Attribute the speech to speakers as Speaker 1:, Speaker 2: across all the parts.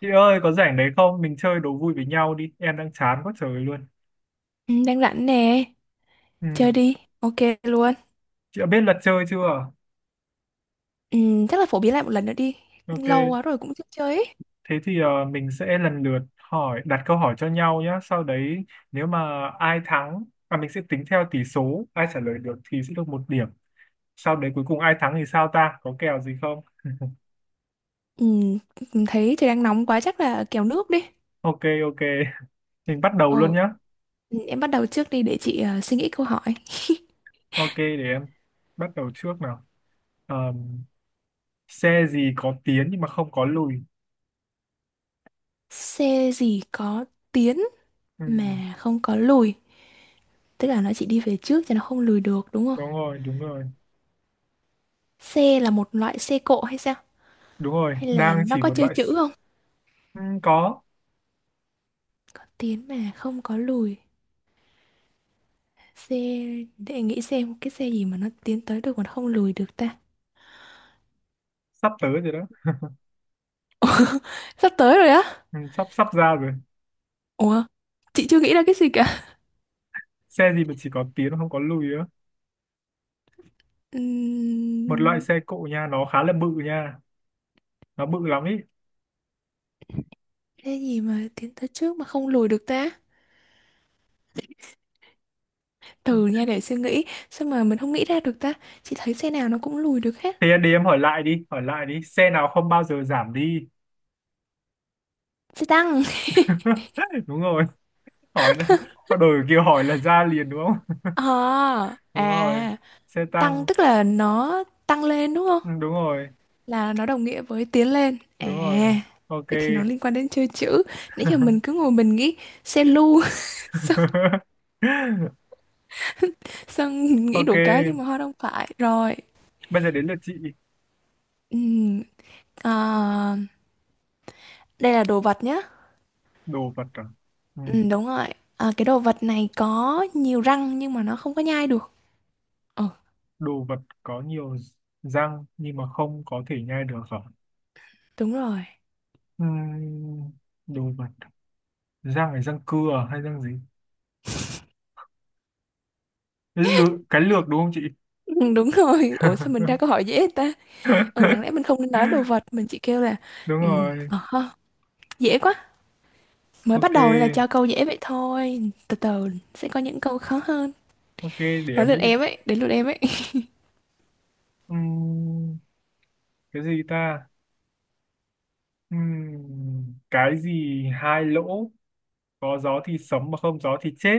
Speaker 1: Chị ơi, có rảnh đấy không? Mình chơi đố vui với nhau đi. Em đang chán quá trời luôn.
Speaker 2: Ừ, đang rảnh nè, chơi
Speaker 1: Ừ.
Speaker 2: đi, ok luôn.
Speaker 1: Chị đã biết luật chơi chưa?
Speaker 2: Ừ, chắc là phổ biến lại một lần nữa đi, lâu
Speaker 1: Ok.
Speaker 2: quá rồi cũng chưa chơi ấy.
Speaker 1: Thế thì mình sẽ lần lượt hỏi, đặt câu hỏi cho nhau nhé. Sau đấy, nếu mà ai thắng, và mình sẽ tính theo tỷ số, ai trả lời được thì sẽ được một điểm. Sau đấy cuối cùng ai thắng thì sao ta? Có kèo gì không?
Speaker 2: Ừ, thấy trời đang nóng quá chắc là kéo nước đi.
Speaker 1: Ok, ok. Mình bắt đầu luôn
Speaker 2: Ờ,
Speaker 1: nhé.
Speaker 2: ừ, em bắt đầu trước đi để chị suy nghĩ câu hỏi.
Speaker 1: Ok, để em bắt đầu trước nào. Ờm, Xe gì có tiến nhưng mà không có lùi?
Speaker 2: Xe gì có tiến
Speaker 1: Ừ,
Speaker 2: mà không có lùi, tức là nó chỉ đi về trước chứ nó không lùi được đúng không?
Speaker 1: đúng rồi, đúng rồi.
Speaker 2: Xe là một loại xe cộ hay sao?
Speaker 1: Đúng rồi,
Speaker 2: Hay là
Speaker 1: đang
Speaker 2: nó
Speaker 1: chỉ
Speaker 2: có
Speaker 1: một
Speaker 2: chơi
Speaker 1: loại
Speaker 2: chữ
Speaker 1: s-
Speaker 2: không?
Speaker 1: Ừ, có.
Speaker 2: Có tiến mà không có lùi. Xe, để nghĩ xem cái xe gì mà nó tiến tới được mà nó không lùi được ta.
Speaker 1: Sắp tới rồi đó.
Speaker 2: Sắp tới rồi á.
Speaker 1: Ừ, sắp sắp ra rồi.
Speaker 2: Ủa, chị chưa nghĩ ra cái gì cả.
Speaker 1: Xe gì mà chỉ có tiến không có lùi á. Một loại
Speaker 2: Ừm,
Speaker 1: xe cộ nha, nó khá là bự nha. Nó bự lắm ý.
Speaker 2: Cái gì mà tiến tới trước mà không lùi được ta? Từ nha để suy nghĩ, sao mà mình không nghĩ ra được ta? Chị thấy xe nào nó cũng lùi được hết.
Speaker 1: Thế đi, em hỏi lại đi, hỏi lại đi. Xe nào không bao giờ giảm đi.
Speaker 2: Xe tăng.
Speaker 1: Đúng rồi. Hỏi là họ đổi kiểu hỏi là ra liền đúng không.
Speaker 2: Ờ,
Speaker 1: Đúng rồi.
Speaker 2: à,
Speaker 1: Xe
Speaker 2: tăng
Speaker 1: tăng.
Speaker 2: tức là nó tăng lên đúng không?
Speaker 1: Ừ, đúng rồi.
Speaker 2: Là nó đồng nghĩa với tiến lên.
Speaker 1: Đúng
Speaker 2: À,
Speaker 1: rồi. Ok.
Speaker 2: vậy thì nó liên quan đến chơi chữ. Nãy giờ mình cứ ngồi mình nghĩ xe lu, xong, xong nghĩ
Speaker 1: Ok,
Speaker 2: đủ cái nhưng mà họ không phải. Rồi,
Speaker 1: bây giờ đến lượt chị.
Speaker 2: ừm, à, đây là đồ vật nhá.
Speaker 1: Đồ vật à? Ừ.
Speaker 2: Ừ, đúng rồi. Ờ, cái đồ vật này có nhiều răng nhưng mà nó không có nhai được. Ờ,
Speaker 1: Đồ vật có nhiều răng nhưng mà không có thể nhai được hả?
Speaker 2: đúng rồi.
Speaker 1: Ừm, Đồ vật, răng là răng cưa à hay răng gì? Lược, cái lược đúng không chị?
Speaker 2: Ừ, đúng rồi. Ủa sao mình ra câu hỏi dễ ta? Ừ, đáng lẽ mình không nên nói đồ vật, mình chỉ kêu là
Speaker 1: Đúng
Speaker 2: ừ,
Speaker 1: rồi.
Speaker 2: ờ, ha, dễ quá. Mới bắt
Speaker 1: Ok,
Speaker 2: đầu nên là cho câu dễ vậy thôi. Từ từ sẽ có những câu khó hơn.
Speaker 1: ok, để
Speaker 2: Nói
Speaker 1: em
Speaker 2: lượt
Speaker 1: nghĩ.
Speaker 2: em ấy, đến lượt em ấy.
Speaker 1: Ừm, cái gì ta? Cái gì hai lỗ có gió thì sống mà không gió thì chết.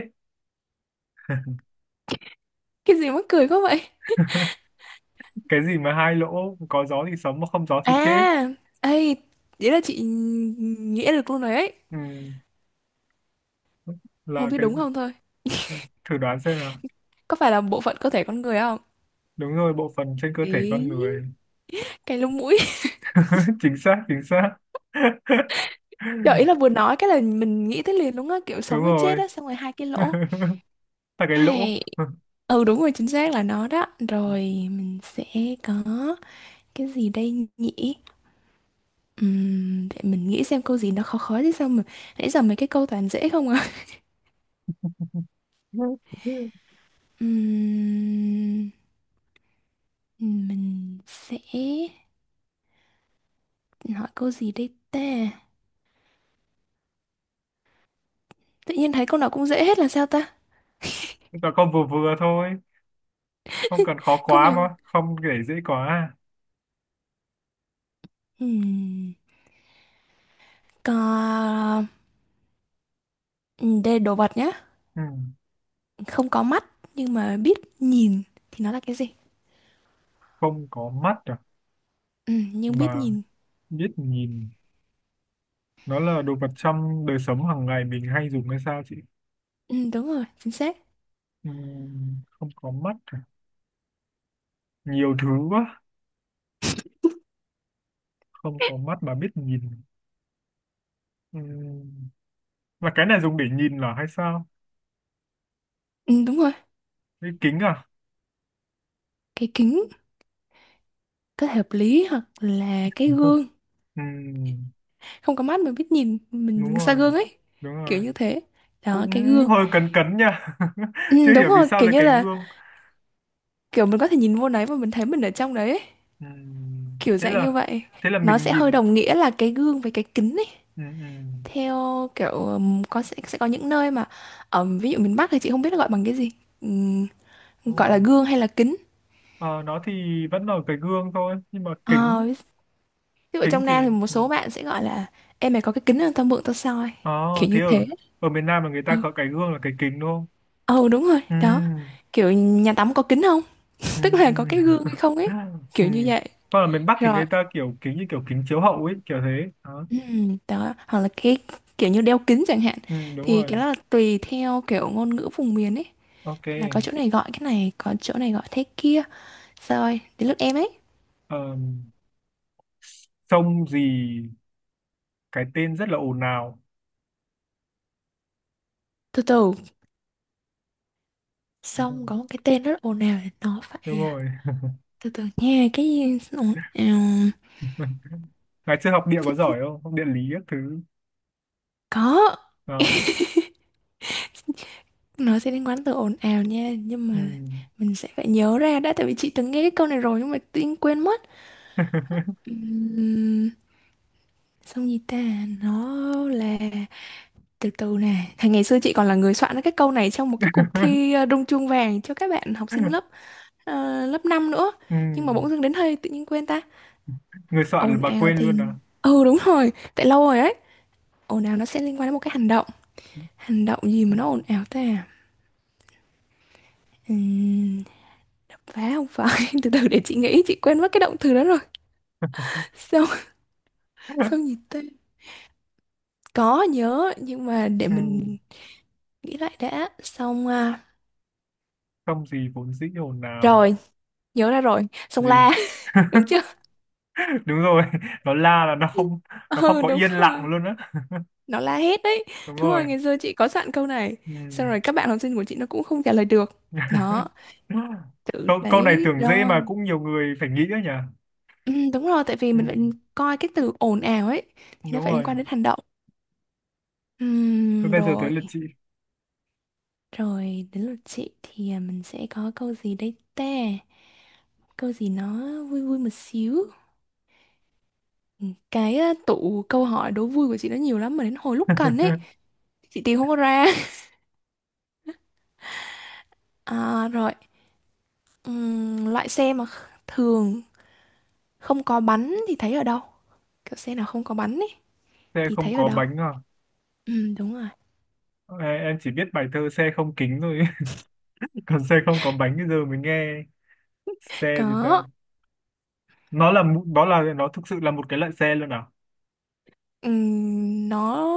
Speaker 2: Cái gì mắc cười quá vậy?
Speaker 1: Cái gì mà hai lỗ có gió thì sống mà không gió thì chết.
Speaker 2: À, ê, vậy là chị nghĩa được luôn rồi ấy.
Speaker 1: Ừm,
Speaker 2: Không
Speaker 1: là
Speaker 2: biết
Speaker 1: cái
Speaker 2: đúng
Speaker 1: gì?
Speaker 2: không thôi.
Speaker 1: Thử đoán xem nào.
Speaker 2: Có phải là bộ phận cơ thể con người không?
Speaker 1: Đúng rồi, bộ phận trên cơ thể con
Speaker 2: Ý,
Speaker 1: người.
Speaker 2: cái lông mũi.
Speaker 1: Chính xác, chính xác.
Speaker 2: Trời ý là vừa nói cái là mình nghĩ tới liền luôn á kiểu
Speaker 1: Đúng
Speaker 2: sống với chết
Speaker 1: rồi.
Speaker 2: á xong rồi hai cái lỗ
Speaker 1: Là cái lỗ.
Speaker 2: hay ừ đúng rồi chính xác là nó đó rồi mình sẽ có cái gì đây nhỉ. Để mình nghĩ xem câu gì nó khó khó chứ sao mà nãy giờ mấy cái câu toàn dễ không à. Ừm, mình sẽ hỏi câu gì đây ta tự nhiên thấy câu nào cũng dễ hết là sao ta
Speaker 1: Nó con vừa vừa thôi, không cần khó
Speaker 2: câu
Speaker 1: quá
Speaker 2: nào.
Speaker 1: mà không để dễ quá à.
Speaker 2: Ừm, có. Đây đồ vật nhá,
Speaker 1: Ừ.
Speaker 2: không có mắt nhưng mà biết nhìn thì nó là cái gì?
Speaker 1: Không có mắt à,
Speaker 2: Ừ, nhưng biết
Speaker 1: mà
Speaker 2: nhìn.
Speaker 1: biết nhìn. Nó là đồ vật trong đời sống hàng ngày mình hay dùng hay sao chị?
Speaker 2: Ừ, đúng rồi, chính xác.
Speaker 1: Ừ. Không có mắt à? Nhiều thứ quá. Không có mắt mà biết nhìn. Ừ. Là cái này dùng để nhìn là hay sao?
Speaker 2: Ừ, đúng rồi.
Speaker 1: Cái kính à?
Speaker 2: Cái kính có thể hợp lý hoặc là cái gương,
Speaker 1: Ừ,
Speaker 2: không có mắt mà biết nhìn mình
Speaker 1: đúng
Speaker 2: nhìn xa
Speaker 1: rồi,
Speaker 2: gương ấy,
Speaker 1: đúng rồi.
Speaker 2: kiểu như thế đó
Speaker 1: Cũng
Speaker 2: cái gương.
Speaker 1: hơi cấn cấn nha.
Speaker 2: Ừ,
Speaker 1: Chưa
Speaker 2: đúng
Speaker 1: hiểu vì
Speaker 2: rồi
Speaker 1: sao
Speaker 2: kiểu
Speaker 1: lại
Speaker 2: như
Speaker 1: cái
Speaker 2: là
Speaker 1: gương.
Speaker 2: kiểu mình có thể nhìn vô đấy và mình thấy mình ở trong đấy ấy.
Speaker 1: Ừ,
Speaker 2: Kiểu
Speaker 1: thế
Speaker 2: dạng như
Speaker 1: là
Speaker 2: vậy,
Speaker 1: thế là
Speaker 2: nó
Speaker 1: mình
Speaker 2: sẽ hơi
Speaker 1: nhìn.
Speaker 2: đồng nghĩa là cái gương với cái kính ấy
Speaker 1: Ừ, ừ,
Speaker 2: theo kiểu có sẽ có những nơi mà ví dụ miền Bắc thì chị không biết là gọi bằng cái gì. Ừm,
Speaker 1: đúng
Speaker 2: Gọi
Speaker 1: rồi.
Speaker 2: là gương hay là kính.
Speaker 1: Ờ, nó thì vẫn là cái gương thôi, nhưng mà
Speaker 2: Ờ,
Speaker 1: kính,
Speaker 2: Ví dụ ở
Speaker 1: kính
Speaker 2: trong
Speaker 1: thì.
Speaker 2: Nam thì một
Speaker 1: Ừ.
Speaker 2: số bạn sẽ gọi là em mày có cái kính không tao mượn tao soi,
Speaker 1: Ờ,
Speaker 2: kiểu
Speaker 1: thế
Speaker 2: như
Speaker 1: ở
Speaker 2: thế.
Speaker 1: ở miền Nam là người ta
Speaker 2: Ừ,
Speaker 1: có cái gương là cái kính đúng không?
Speaker 2: ừ đúng rồi
Speaker 1: Ừ,
Speaker 2: đó, kiểu nhà tắm có kính không
Speaker 1: ừ,
Speaker 2: tức
Speaker 1: ừ.
Speaker 2: là có cái gương hay không ấy,
Speaker 1: Ừ.
Speaker 2: kiểu như vậy.
Speaker 1: Còn ở miền Bắc thì
Speaker 2: Rồi,
Speaker 1: người ta kiểu kính như kiểu kính chiếu hậu ấy, kiểu thế. Đó.
Speaker 2: Đó hoặc là cái kiểu như đeo kính chẳng hạn
Speaker 1: Ừ, đúng
Speaker 2: thì
Speaker 1: rồi.
Speaker 2: cái đó là tùy theo kiểu ngôn ngữ vùng miền ấy,
Speaker 1: Ok.
Speaker 2: là có chỗ này gọi cái này có chỗ này gọi thế kia. Rồi đến lượt em ấy,
Speaker 1: Ờ, Sông gì cái tên rất là ồn ào?
Speaker 2: từ từ
Speaker 1: Đúng rồi.
Speaker 2: xong có một cái tên rất ồn ào để nó
Speaker 1: Đúng
Speaker 2: phải,
Speaker 1: rồi.
Speaker 2: từ từ nha cái gì ồn ào.
Speaker 1: Ngày xưa học địa có giỏi không, học địa lý các thứ
Speaker 2: Có,
Speaker 1: đó.
Speaker 2: nó sẽ liên quan tới ồn ào nha, nhưng
Speaker 1: Ừ.
Speaker 2: mà mình sẽ phải nhớ ra đã, tại vì chị từng nghe cái câu này rồi nhưng mà tự nhiên quên mất. Uhm, Xong gì ta, nó là từ từ nè. Thì ngày xưa chị còn là người soạn ra cái câu này trong một cái cuộc thi rung chuông vàng cho các bạn học sinh lớp lớp 5 nữa.
Speaker 1: Ừ.
Speaker 2: Nhưng mà bỗng dưng đến hơi tự nhiên quên ta.
Speaker 1: Người
Speaker 2: Ồn
Speaker 1: soạn mà
Speaker 2: ào
Speaker 1: quên
Speaker 2: thì
Speaker 1: luôn à?
Speaker 2: ừ đúng rồi, tại lâu rồi đấy. Ồn ào nó sẽ liên quan đến một cái hành động. Hành động gì
Speaker 1: Ừ.
Speaker 2: mà nó ồn ào ta? Uhm, Phá không phải, từ từ để chị nghĩ, chị quên mất cái động từ đó rồi. Xong, xong gì tên, có nhớ, nhưng mà để
Speaker 1: Ừ.
Speaker 2: mình nghĩ lại đã. Xong, à,
Speaker 1: Không gì vốn dĩ ồn ào.
Speaker 2: rồi, nhớ ra rồi. Xong la,
Speaker 1: Gì?
Speaker 2: đúng chưa?
Speaker 1: Đúng rồi. Nó la là nó không
Speaker 2: Ừ,
Speaker 1: có
Speaker 2: đúng
Speaker 1: yên lặng
Speaker 2: rồi.
Speaker 1: luôn á.
Speaker 2: Nó la hét đấy.
Speaker 1: Đúng
Speaker 2: Đúng rồi,
Speaker 1: rồi.
Speaker 2: ngày xưa chị có sẵn câu này.
Speaker 1: Ừ.
Speaker 2: Xong rồi các bạn học sinh của chị nó cũng không trả lời được. Đó, từ
Speaker 1: câu câu này
Speaker 2: đấy
Speaker 1: tưởng dễ
Speaker 2: rồi.
Speaker 1: mà cũng nhiều người phải nghĩ đấy nhỉ.
Speaker 2: Ừ, đúng rồi, tại vì
Speaker 1: Ừ.
Speaker 2: mình phải coi cái từ ồn ào ấy. Thì nó
Speaker 1: Đúng
Speaker 2: phải liên
Speaker 1: rồi.
Speaker 2: quan đến hành động.
Speaker 1: Thế bây giờ tới
Speaker 2: Rồi.
Speaker 1: lượt chị.
Speaker 2: Rồi đến lượt chị thì à, mình sẽ có câu gì đây ta? Câu gì nó vui vui một xíu. Ừ, cái à, tủ câu hỏi đố vui của chị nó nhiều lắm mà đến hồi lúc cần ấy, chị tìm không có ra. À, rồi, loại xe mà thường không có bánh thì thấy ở đâu? Kiểu xe nào không có bánh ấy
Speaker 1: Xe
Speaker 2: thì
Speaker 1: không
Speaker 2: thấy ở
Speaker 1: có
Speaker 2: đâu?
Speaker 1: bánh à?
Speaker 2: Ừ, đúng rồi.
Speaker 1: Em chỉ biết bài thơ xe không kính thôi. Còn xe không có bánh bây giờ mới nghe. Xe gì ta?
Speaker 2: Có.
Speaker 1: Nó là mũ- nó là nó thực sự là một cái loại xe luôn à?
Speaker 2: Nó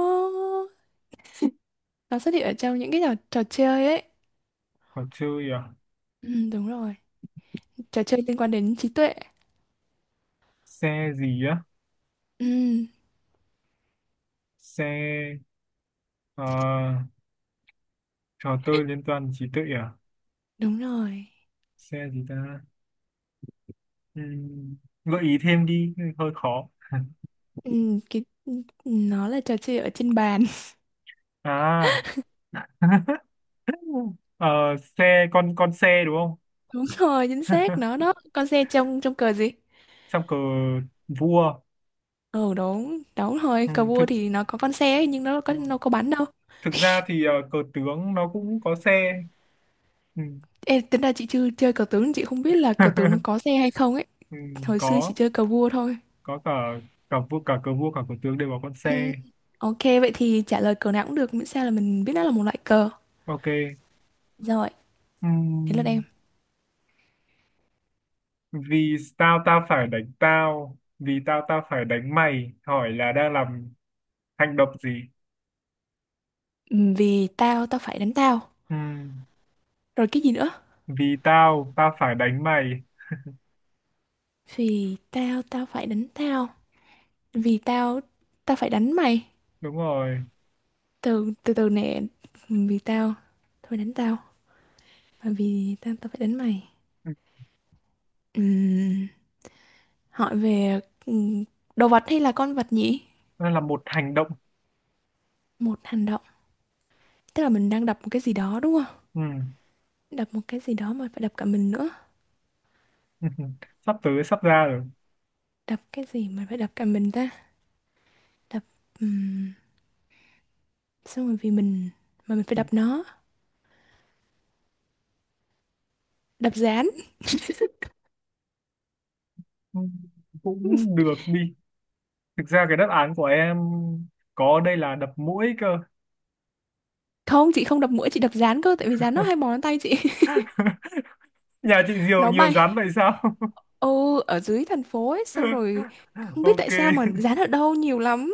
Speaker 2: xuất hiện ở trong những cái trò chơi ấy.
Speaker 1: Trò chơi à?
Speaker 2: Ừ, đúng rồi. Trò chơi liên quan đến trí tuệ.
Speaker 1: Xe gì á?
Speaker 2: Ừ.
Speaker 1: Xe ờ, trò chơi liên toàn trí tuệ à?
Speaker 2: Đúng rồi.
Speaker 1: Xe gì ta? Ừm, Gợi ý thêm đi hơi khó.
Speaker 2: Ừ, cái, ừ, nó là trò chơi ở trên bàn.
Speaker 1: À. Ờ, Xe con xe đúng không?
Speaker 2: Đúng rồi, chính xác. Nó đó. Con xe trong trong cờ gì?
Speaker 1: Trong cờ vua.
Speaker 2: Ừ đúng, đúng rồi.
Speaker 1: Ừ,
Speaker 2: Cờ vua thì nó có con xe ấy, nhưng nó
Speaker 1: ờ,
Speaker 2: có bắn đâu.
Speaker 1: thực ra thì cờ tướng nó cũng có xe. Ừ.
Speaker 2: Ê, tính ra chị chưa chơi cờ tướng, chị không biết là cờ tướng nó có xe hay không ấy.
Speaker 1: Ừ,
Speaker 2: Hồi xưa chị
Speaker 1: có.
Speaker 2: chơi cờ vua thôi.
Speaker 1: Có cả cả vua cả cờ vua cả cờ tướng đều có con
Speaker 2: Ừ.
Speaker 1: xe.
Speaker 2: Ok, vậy thì trả lời cờ nào cũng được, miễn sao là mình biết nó là một loại cờ.
Speaker 1: Ok.
Speaker 2: Rồi, đến lượt em.
Speaker 1: Ừm, Vì tao, tao phải đánh tao, vì tao, tao phải đánh mày. Hỏi là đang làm hành động gì?
Speaker 2: Ừ, vì tao, tao phải đánh tao.
Speaker 1: Ừm,
Speaker 2: Rồi cái gì nữa?
Speaker 1: Vì tao, tao phải đánh mày.
Speaker 2: Vì tao, tao phải đánh tao. Vì tao, tao phải đánh mày.
Speaker 1: Đúng rồi.
Speaker 2: Từ từ từ nè, vì tao thôi đánh tao mà vì tao tao phải đánh mày.
Speaker 1: Ừm,
Speaker 2: Ừm, Hỏi về ừm, đồ vật hay là con vật nhỉ,
Speaker 1: Đó là một hành động.
Speaker 2: một hành động, tức là mình đang đập một cái gì đó đúng không,
Speaker 1: Ừm,
Speaker 2: đập một cái gì đó mà phải đập cả mình nữa,
Speaker 1: Sắp tới, sắp ra rồi.
Speaker 2: đập cái gì mà phải đập cả mình ta, đập um, xong rồi vì mình mà mình phải đập nó, đập dán.
Speaker 1: Ừm, Cũng được đi. Thực ra cái đáp án của em có đây là đập mũi cơ.
Speaker 2: Không chị không đập mũi, chị đập dán cơ tại vì dán nó hay bò lên tay chị.
Speaker 1: Nhà chị Diều
Speaker 2: Nó
Speaker 1: nhiều
Speaker 2: bay,
Speaker 1: rắn vậy sao?
Speaker 2: ừ ở dưới thành phố ấy xong rồi không biết tại
Speaker 1: Ok.
Speaker 2: sao mà dán ở đâu nhiều lắm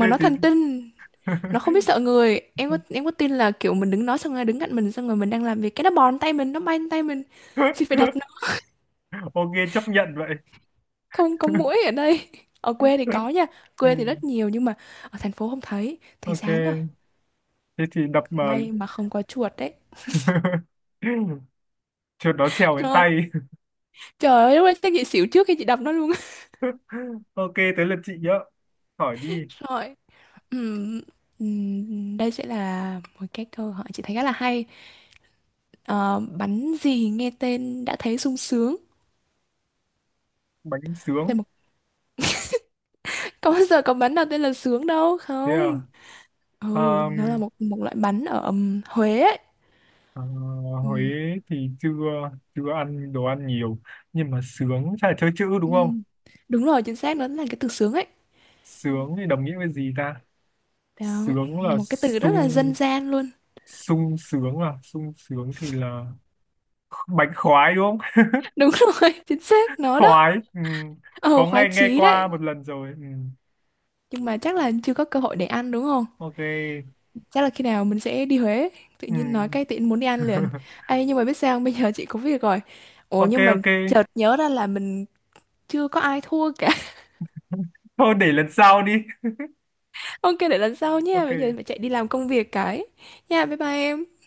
Speaker 1: Thế
Speaker 2: nó
Speaker 1: thì.
Speaker 2: thần tinh, nó không biết sợ người. Em có em có tin là kiểu mình đứng nó xong rồi đứng cạnh mình xong rồi mình đang làm việc cái nó bòn tay mình nó bay lên tay mình thì phải đập nó.
Speaker 1: Ok, chấp nhận vậy.
Speaker 2: Không có mũi ở đây, ở quê thì có nha,
Speaker 1: Ừ.
Speaker 2: quê thì rất nhiều nhưng mà ở thành phố không thấy thấy dán rồi.
Speaker 1: Ok, thế thì đập mà.
Speaker 2: May mà không có chuột đấy.
Speaker 1: Chuột nó trèo đến
Speaker 2: Rồi
Speaker 1: tay.
Speaker 2: trời ơi lúc đấy chắc chị xỉu trước khi chị đập nó luôn.
Speaker 1: Ok, tới lượt chị nhớ, hỏi đi.
Speaker 2: Rồi, Ừm, đây sẽ là một cái câu hỏi chị thấy khá là hay. Ờ, bánh gì nghe tên đã thấy sung sướng.
Speaker 1: Bánh
Speaker 2: Thế
Speaker 1: sướng.
Speaker 2: mà có bao giờ có bắn nào tên là sướng đâu
Speaker 1: Thế à?
Speaker 2: không? Ừ, nó là
Speaker 1: Ờm,
Speaker 2: một một loại bắn ở Huế ấy.
Speaker 1: ờ,
Speaker 2: Ừm,
Speaker 1: Huế thì chưa chưa ăn đồ ăn nhiều, nhưng mà sướng chắc là chơi chữ đúng không?
Speaker 2: ừm. Đúng rồi, chính xác nó là cái từ sướng ấy.
Speaker 1: Sướng thì đồng nghĩa với gì ta?
Speaker 2: Đó,
Speaker 1: Sướng là
Speaker 2: một cái từ rất là
Speaker 1: sung.
Speaker 2: dân gian luôn.
Speaker 1: Sung sướng à? Sung sướng thì là bánh khoái đúng không?
Speaker 2: Đúng rồi, chính xác nó đó.
Speaker 1: Khoái. Ừ.
Speaker 2: Ờ,
Speaker 1: Có
Speaker 2: khoái
Speaker 1: nghe nghe
Speaker 2: chí đấy.
Speaker 1: qua một lần rồi. Ừ.
Speaker 2: Nhưng mà chắc là chưa có cơ hội để ăn đúng không?
Speaker 1: Ok.
Speaker 2: Chắc là khi nào mình sẽ đi Huế. Tự
Speaker 1: Ừ.
Speaker 2: nhiên nói cái tiện muốn đi ăn liền. Ê, nhưng mà biết sao không? Bây giờ chị có việc rồi. Ủa
Speaker 1: Ok,
Speaker 2: nhưng mà
Speaker 1: ok.
Speaker 2: chợt nhớ ra là mình chưa có ai thua,
Speaker 1: Thôi để lần sau đi.
Speaker 2: ok để lần sau nha, bây giờ phải
Speaker 1: Ok.
Speaker 2: chạy đi làm công việc cái, nha bye bye em.